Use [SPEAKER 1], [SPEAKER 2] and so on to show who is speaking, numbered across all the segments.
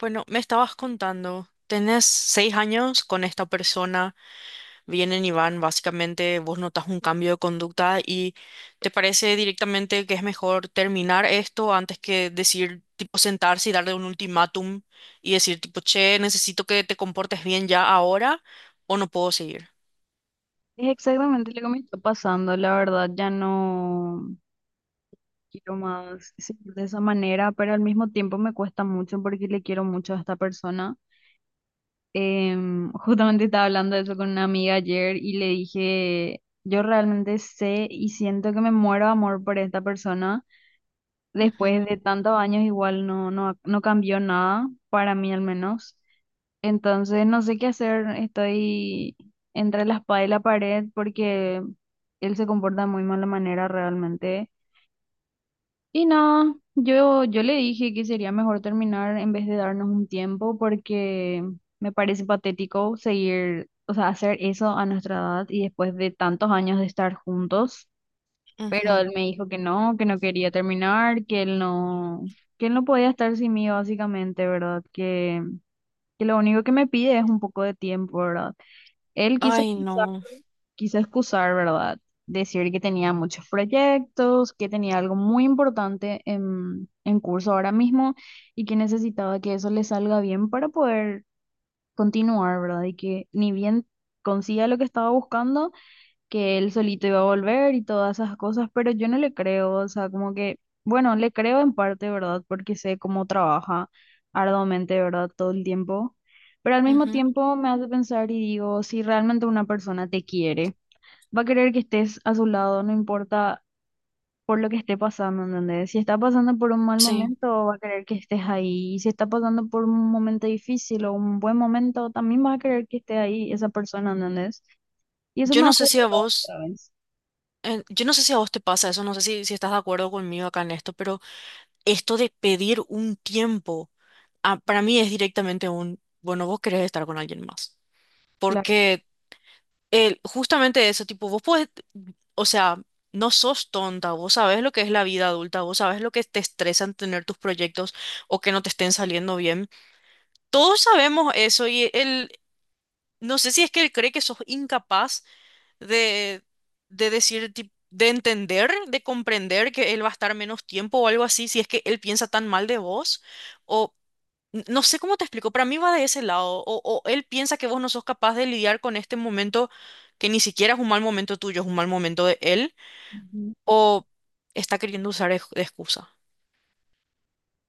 [SPEAKER 1] Bueno, me estabas contando, tenés 6 años con esta persona, vienen y van, básicamente vos notas un cambio de conducta y te parece directamente que es mejor terminar esto antes que decir, tipo, sentarse y darle un ultimátum y decir, tipo, che, necesito que te comportes bien ya ahora o no puedo seguir.
[SPEAKER 2] Es exactamente lo que me está pasando, la verdad, ya no quiero más seguir de esa manera, pero al mismo tiempo me cuesta mucho porque le quiero mucho a esta persona. Justamente estaba hablando de eso con una amiga ayer y le dije, yo realmente sé y siento que me muero de amor por esta persona.
[SPEAKER 1] Ujú,
[SPEAKER 2] Después de tantos años igual no cambió nada, para mí al menos. Entonces no sé qué hacer, estoy entre la espada y la pared porque él se comporta de muy mala manera realmente. Y no, yo le dije que sería mejor terminar en vez de darnos un tiempo porque me parece patético seguir, o sea, hacer eso a nuestra edad y después de tantos años de estar juntos. Pero
[SPEAKER 1] ujú.
[SPEAKER 2] él me dijo que no quería terminar, que él no podía estar sin mí básicamente, ¿verdad? Que lo único que me pide es un poco de tiempo, ¿verdad? Él quiso
[SPEAKER 1] Ay,
[SPEAKER 2] excusar,
[SPEAKER 1] no.
[SPEAKER 2] quiso excusar, ¿verdad? Decir que tenía muchos proyectos, que tenía algo muy importante en curso ahora mismo y que necesitaba que eso le salga bien para poder continuar, ¿verdad? Y que ni bien consiga lo que estaba buscando, que él solito iba a volver y todas esas cosas, pero yo no le creo, o sea, como que, bueno, le creo en parte, ¿verdad? Porque sé cómo trabaja arduamente, ¿verdad? Todo el tiempo, pero al mismo
[SPEAKER 1] Ujú.
[SPEAKER 2] tiempo me hace pensar y digo, si realmente una persona te quiere, va a querer que estés a su lado, no importa por lo que esté pasando, ¿entendés? Si está pasando por un mal
[SPEAKER 1] Sí.
[SPEAKER 2] momento, va a querer que estés ahí, y si está pasando por un momento difícil o un buen momento, también va a querer que esté ahí esa persona, ¿entendés? Y eso
[SPEAKER 1] Yo
[SPEAKER 2] me
[SPEAKER 1] no
[SPEAKER 2] hace
[SPEAKER 1] sé si a
[SPEAKER 2] acordar
[SPEAKER 1] vos,
[SPEAKER 2] otra vez.
[SPEAKER 1] yo no sé si a vos te pasa eso, no sé si estás de acuerdo conmigo acá en esto, pero esto de pedir un tiempo, ah, para mí es directamente bueno, vos querés estar con alguien más.
[SPEAKER 2] Claro.
[SPEAKER 1] Porque justamente eso, tipo, vos podés, o sea, no sos tonta, vos sabés lo que es la vida adulta, vos sabés lo que te estresan tener tus proyectos o que no te estén saliendo bien. Todos sabemos eso y él, no sé si es que él cree que sos incapaz de, decir, tipo, de entender, de comprender que él va a estar menos tiempo o algo así, si es que él piensa tan mal de vos. O no sé cómo te explico, para mí va de ese lado. O él piensa que vos no sos capaz de lidiar con este momento que ni siquiera es un mal momento tuyo, es un mal momento de él.
[SPEAKER 2] Ujú.
[SPEAKER 1] O está queriendo usar de excusa.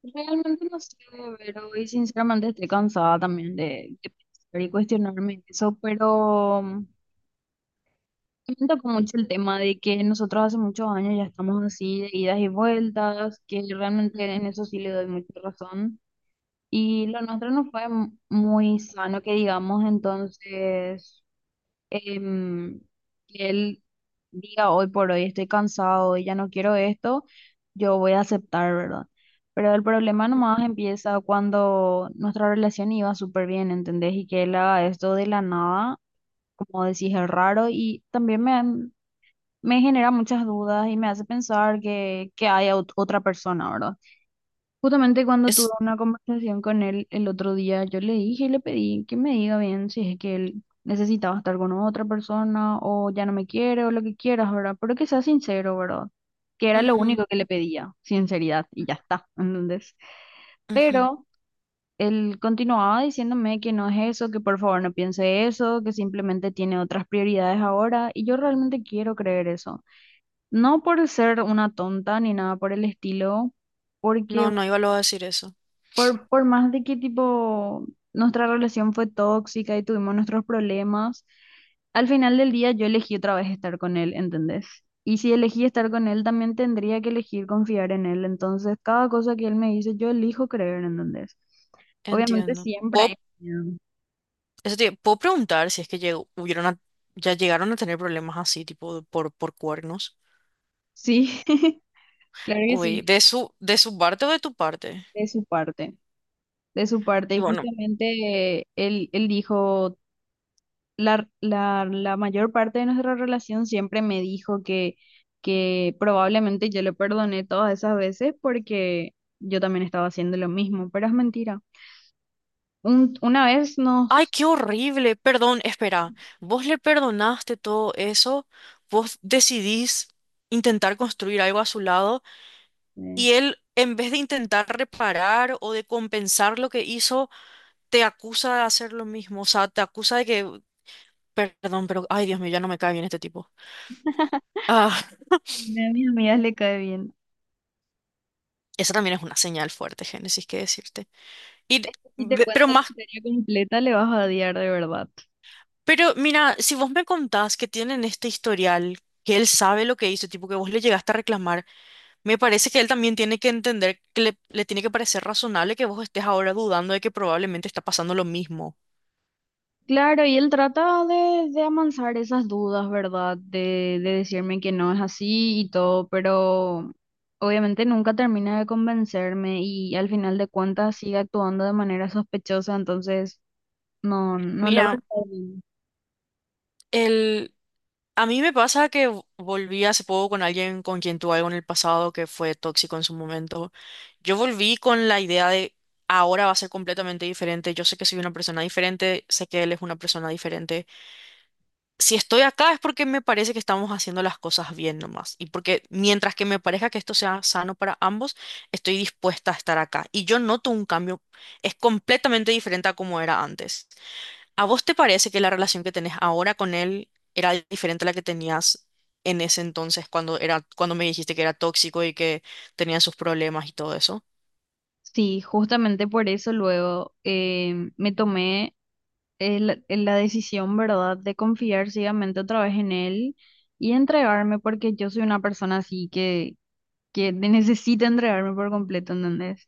[SPEAKER 2] Realmente no sé, pero hoy sinceramente estoy cansada también de pensar y cuestionarme eso, pero me tocó mucho el tema de que nosotros hace muchos años ya estamos así de idas y vueltas, que realmente en eso sí le doy mucha razón. Y lo nuestro no fue muy sano, que digamos, entonces em, que él diga hoy por hoy estoy cansado y ya no quiero esto, yo voy a aceptar, ¿verdad? Pero el problema nomás empieza cuando nuestra relación iba súper bien, ¿entendés? Y que él haga esto de la nada, como decís, es raro y también me genera muchas dudas y me hace pensar que hay otra persona, ¿verdad? Justamente cuando tuve
[SPEAKER 1] Es...
[SPEAKER 2] una conversación con él el otro día, yo le dije y le pedí que me diga bien si es que él necesitaba estar con otra persona o ya no me quiere o lo que quieras, ¿verdad? Pero que sea sincero, ¿verdad? Que era lo
[SPEAKER 1] Ujú,
[SPEAKER 2] único que le pedía, sinceridad, y ya está, ¿entendés?
[SPEAKER 1] ujú.
[SPEAKER 2] Pero él continuaba diciéndome que no es eso, que por favor no piense eso, que simplemente tiene otras prioridades ahora, y yo realmente quiero creer eso. No por ser una tonta ni nada por el estilo. Porque
[SPEAKER 1] No, no iba luego a decir eso.
[SPEAKER 2] por más de que tipo nuestra relación fue tóxica y tuvimos nuestros problemas, al final del día yo elegí otra vez estar con él, ¿entendés? Y si elegí estar con él, también tendría que elegir confiar en él. Entonces, cada cosa que él me dice, yo elijo creer, ¿entendés? Obviamente
[SPEAKER 1] Entiendo.
[SPEAKER 2] siempre hay
[SPEAKER 1] ¿Puedo,
[SPEAKER 2] miedo.
[SPEAKER 1] puedo preguntar si es que ya llegaron a tener problemas así, tipo por cuernos?
[SPEAKER 2] Sí, claro que
[SPEAKER 1] Uy,
[SPEAKER 2] sí,
[SPEAKER 1] ¿de su parte o de tu parte?
[SPEAKER 2] de su parte, de su parte. Y justamente él dijo... la mayor parte de nuestra relación siempre me dijo que probablemente yo le perdoné todas esas veces porque yo también estaba haciendo lo mismo, pero es mentira. Una vez
[SPEAKER 1] Ay,
[SPEAKER 2] nos...
[SPEAKER 1] qué horrible. Perdón, espera. ¿Vos le perdonaste todo eso? ¿Vos decidís intentar construir algo a su lado?
[SPEAKER 2] eh,
[SPEAKER 1] Y él, en vez de intentar reparar o de compensar lo que hizo, te acusa de hacer lo mismo. O sea, te acusa de que... Perdón, pero... Ay, Dios mío, ya no me cae bien este tipo. Ah,
[SPEAKER 2] Una de mis amigas le cae bien.
[SPEAKER 1] esa también es una señal fuerte, Génesis, qué decirte. Y,
[SPEAKER 2] Si te cuento
[SPEAKER 1] pero
[SPEAKER 2] la
[SPEAKER 1] más...
[SPEAKER 2] historia completa, le vas a odiar de verdad.
[SPEAKER 1] Pero mira, si vos me contás que tienen este historial, que él sabe lo que hizo, tipo que vos le llegaste a reclamar. Me parece que él también tiene que entender que le tiene que parecer razonable que vos estés ahora dudando de que probablemente está pasando lo mismo.
[SPEAKER 2] Claro, y él trata de amansar esas dudas, ¿verdad? De decirme que no es así y todo, pero obviamente nunca termina de convencerme y al final de
[SPEAKER 1] Mm.
[SPEAKER 2] cuentas sigue actuando de manera sospechosa, entonces no logra
[SPEAKER 1] Mira,
[SPEAKER 2] estar bien.
[SPEAKER 1] el, a mí me pasa que volví hace poco con alguien con quien tuve algo en el pasado que fue tóxico en su momento. Yo volví con la idea de ahora va a ser completamente diferente. Yo sé que soy una persona diferente, sé que él es una persona diferente. Si estoy acá es porque me parece que estamos haciendo las cosas bien nomás. Y porque mientras que me parezca que esto sea sano para ambos, estoy dispuesta a estar acá. Y yo noto un cambio, es completamente diferente a como era antes. ¿A vos te parece que la relación que tenés ahora con él era diferente a la que tenías en ese entonces cuando era, cuando me dijiste que era tóxico y que tenía sus problemas y todo eso?
[SPEAKER 2] Sí, justamente por eso luego me tomé la decisión, ¿verdad?, de confiar ciegamente otra vez en él y entregarme porque yo soy una persona así que necesita entregarme por completo, ¿entendés?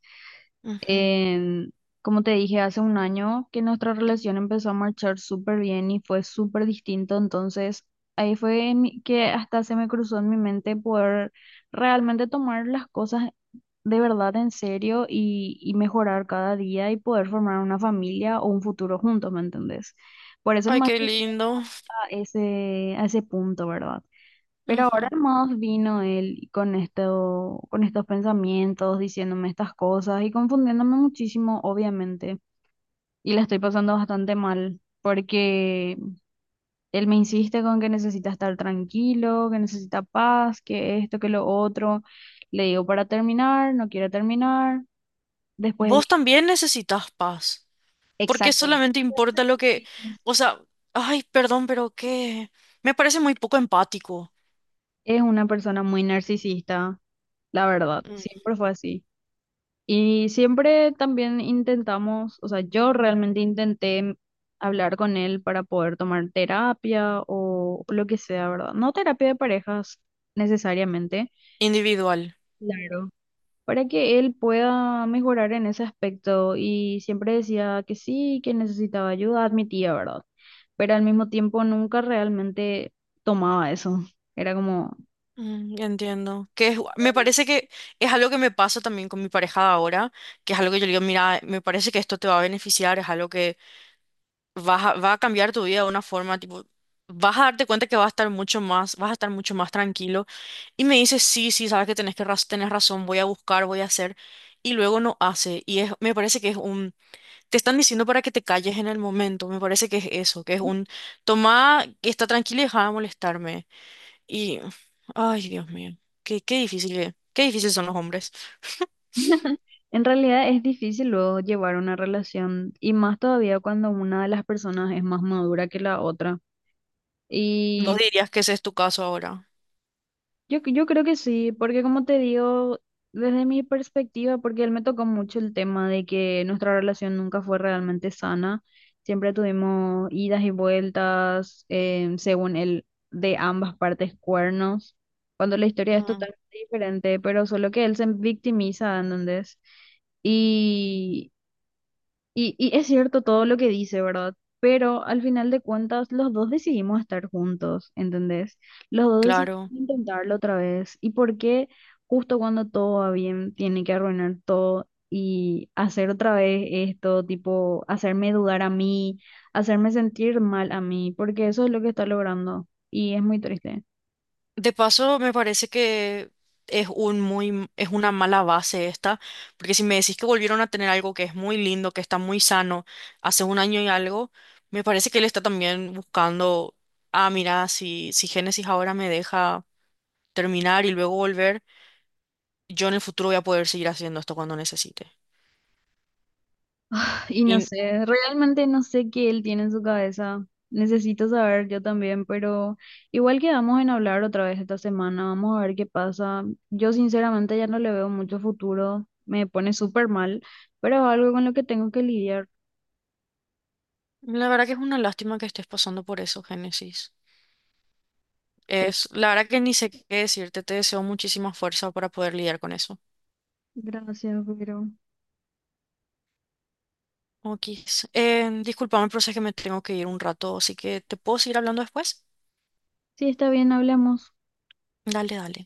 [SPEAKER 1] Ujú.
[SPEAKER 2] Em, como te dije, hace un año que nuestra relación empezó a marchar súper bien y fue súper distinto, entonces ahí fue en que hasta se me cruzó en mi mente poder realmente tomar las cosas de verdad en serio y mejorar cada día y poder formar una familia o un futuro juntos, ¿me entendés? Por eso
[SPEAKER 1] Ay,
[SPEAKER 2] nomás
[SPEAKER 1] qué
[SPEAKER 2] llegué
[SPEAKER 1] lindo.
[SPEAKER 2] a a ese punto, ¿verdad? Pero
[SPEAKER 1] Ujú.
[SPEAKER 2] ahora más vino él con esto, con estos pensamientos, diciéndome estas cosas y confundiéndome muchísimo, obviamente. Y la estoy pasando bastante mal porque él me insiste con que necesita estar tranquilo, que necesita paz, que esto, que lo otro. Le digo para terminar, no quiere terminar. Después él...
[SPEAKER 1] Vos también necesitas paz. ¿Por qué
[SPEAKER 2] Exacto.
[SPEAKER 1] solamente importa lo que, o sea, ay, perdón, pero qué? Me parece muy poco empático.
[SPEAKER 2] Es una persona muy narcisista, la verdad.
[SPEAKER 1] Mm.
[SPEAKER 2] Siempre fue así. Y siempre también intentamos, o sea, yo realmente intenté hablar con él para poder tomar terapia o lo que sea, ¿verdad? No terapia de parejas necesariamente.
[SPEAKER 1] Individual.
[SPEAKER 2] Claro. Para que él pueda mejorar en ese aspecto. Y siempre decía que sí, que necesitaba ayuda, admitía, ¿verdad? Pero al mismo tiempo nunca realmente tomaba eso. Era como...
[SPEAKER 1] Mm, ya entiendo. Que me parece que es algo que me pasa también con mi pareja de ahora, que es algo que yo le digo, mira, me parece que esto te va a beneficiar, es algo que va a cambiar tu vida de una forma, tipo, vas a darte cuenta que vas a estar mucho más, vas a estar mucho más tranquilo. Y me dice, sí, sí, sabes que tenés que tenés razón, voy a buscar, voy a hacer. Y luego no hace. Y es, me parece que es un te están diciendo para que te calles en el momento. Me parece que es eso, que es un toma, está tranquila y deja de molestarme. Y, ay, Dios mío, qué, qué difícil, qué difícil son los hombres.
[SPEAKER 2] En realidad es difícil luego llevar una relación y más todavía cuando una de las personas es más madura que la otra.
[SPEAKER 1] Vos
[SPEAKER 2] Y
[SPEAKER 1] dirías que ese es tu caso ahora.
[SPEAKER 2] yo creo que sí, porque como te digo, desde mi perspectiva, porque él me tocó mucho el tema de que nuestra relación nunca fue realmente sana, siempre tuvimos idas y vueltas, según él, de ambas partes cuernos, cuando la historia es
[SPEAKER 1] Mm,
[SPEAKER 2] totalmente diferente, pero solo que él se victimiza, ¿entendés? Y y es cierto todo lo que dice, ¿verdad? Pero al final de cuentas, los dos decidimos estar juntos, ¿entendés? Los dos decidimos
[SPEAKER 1] claro.
[SPEAKER 2] intentarlo otra vez. ¿Y por qué justo cuando todo va bien, tiene que arruinar todo y hacer otra vez esto, tipo, hacerme dudar a mí, hacerme sentir mal a mí? Porque eso es lo que está logrando y es muy triste.
[SPEAKER 1] De paso, me parece que es un muy, m- es una mala base esta, porque si me decís que volvieron a tener algo que es muy lindo, que está muy sano, hace un año y algo, me parece que él está también buscando, ah, mira, si Génesis ahora me deja. Terminar y luego volver, yo en el futuro voy a poder seguir haciendo esto cuando necesite.
[SPEAKER 2] Y no
[SPEAKER 1] Y
[SPEAKER 2] sé, realmente no sé qué él tiene en su cabeza. Necesito saber yo también, pero igual quedamos en hablar otra vez esta semana. Vamos a ver qué pasa. Yo sinceramente ya no le veo mucho futuro. Me pone súper mal, pero es algo con lo que tengo que lidiar.
[SPEAKER 1] la verdad que es una lástima que estés pasando por eso, Génesis. Es,
[SPEAKER 2] Triste.
[SPEAKER 1] la verdad que ni sé qué decirte, te deseo muchísima fuerza para poder lidiar con eso.
[SPEAKER 2] Gracias, pero
[SPEAKER 1] Ok, discúlpame, pero sé que me tengo que ir un rato, así que ¿te puedo seguir hablando después?
[SPEAKER 2] sí, está bien, hablamos.
[SPEAKER 1] Dale, dale.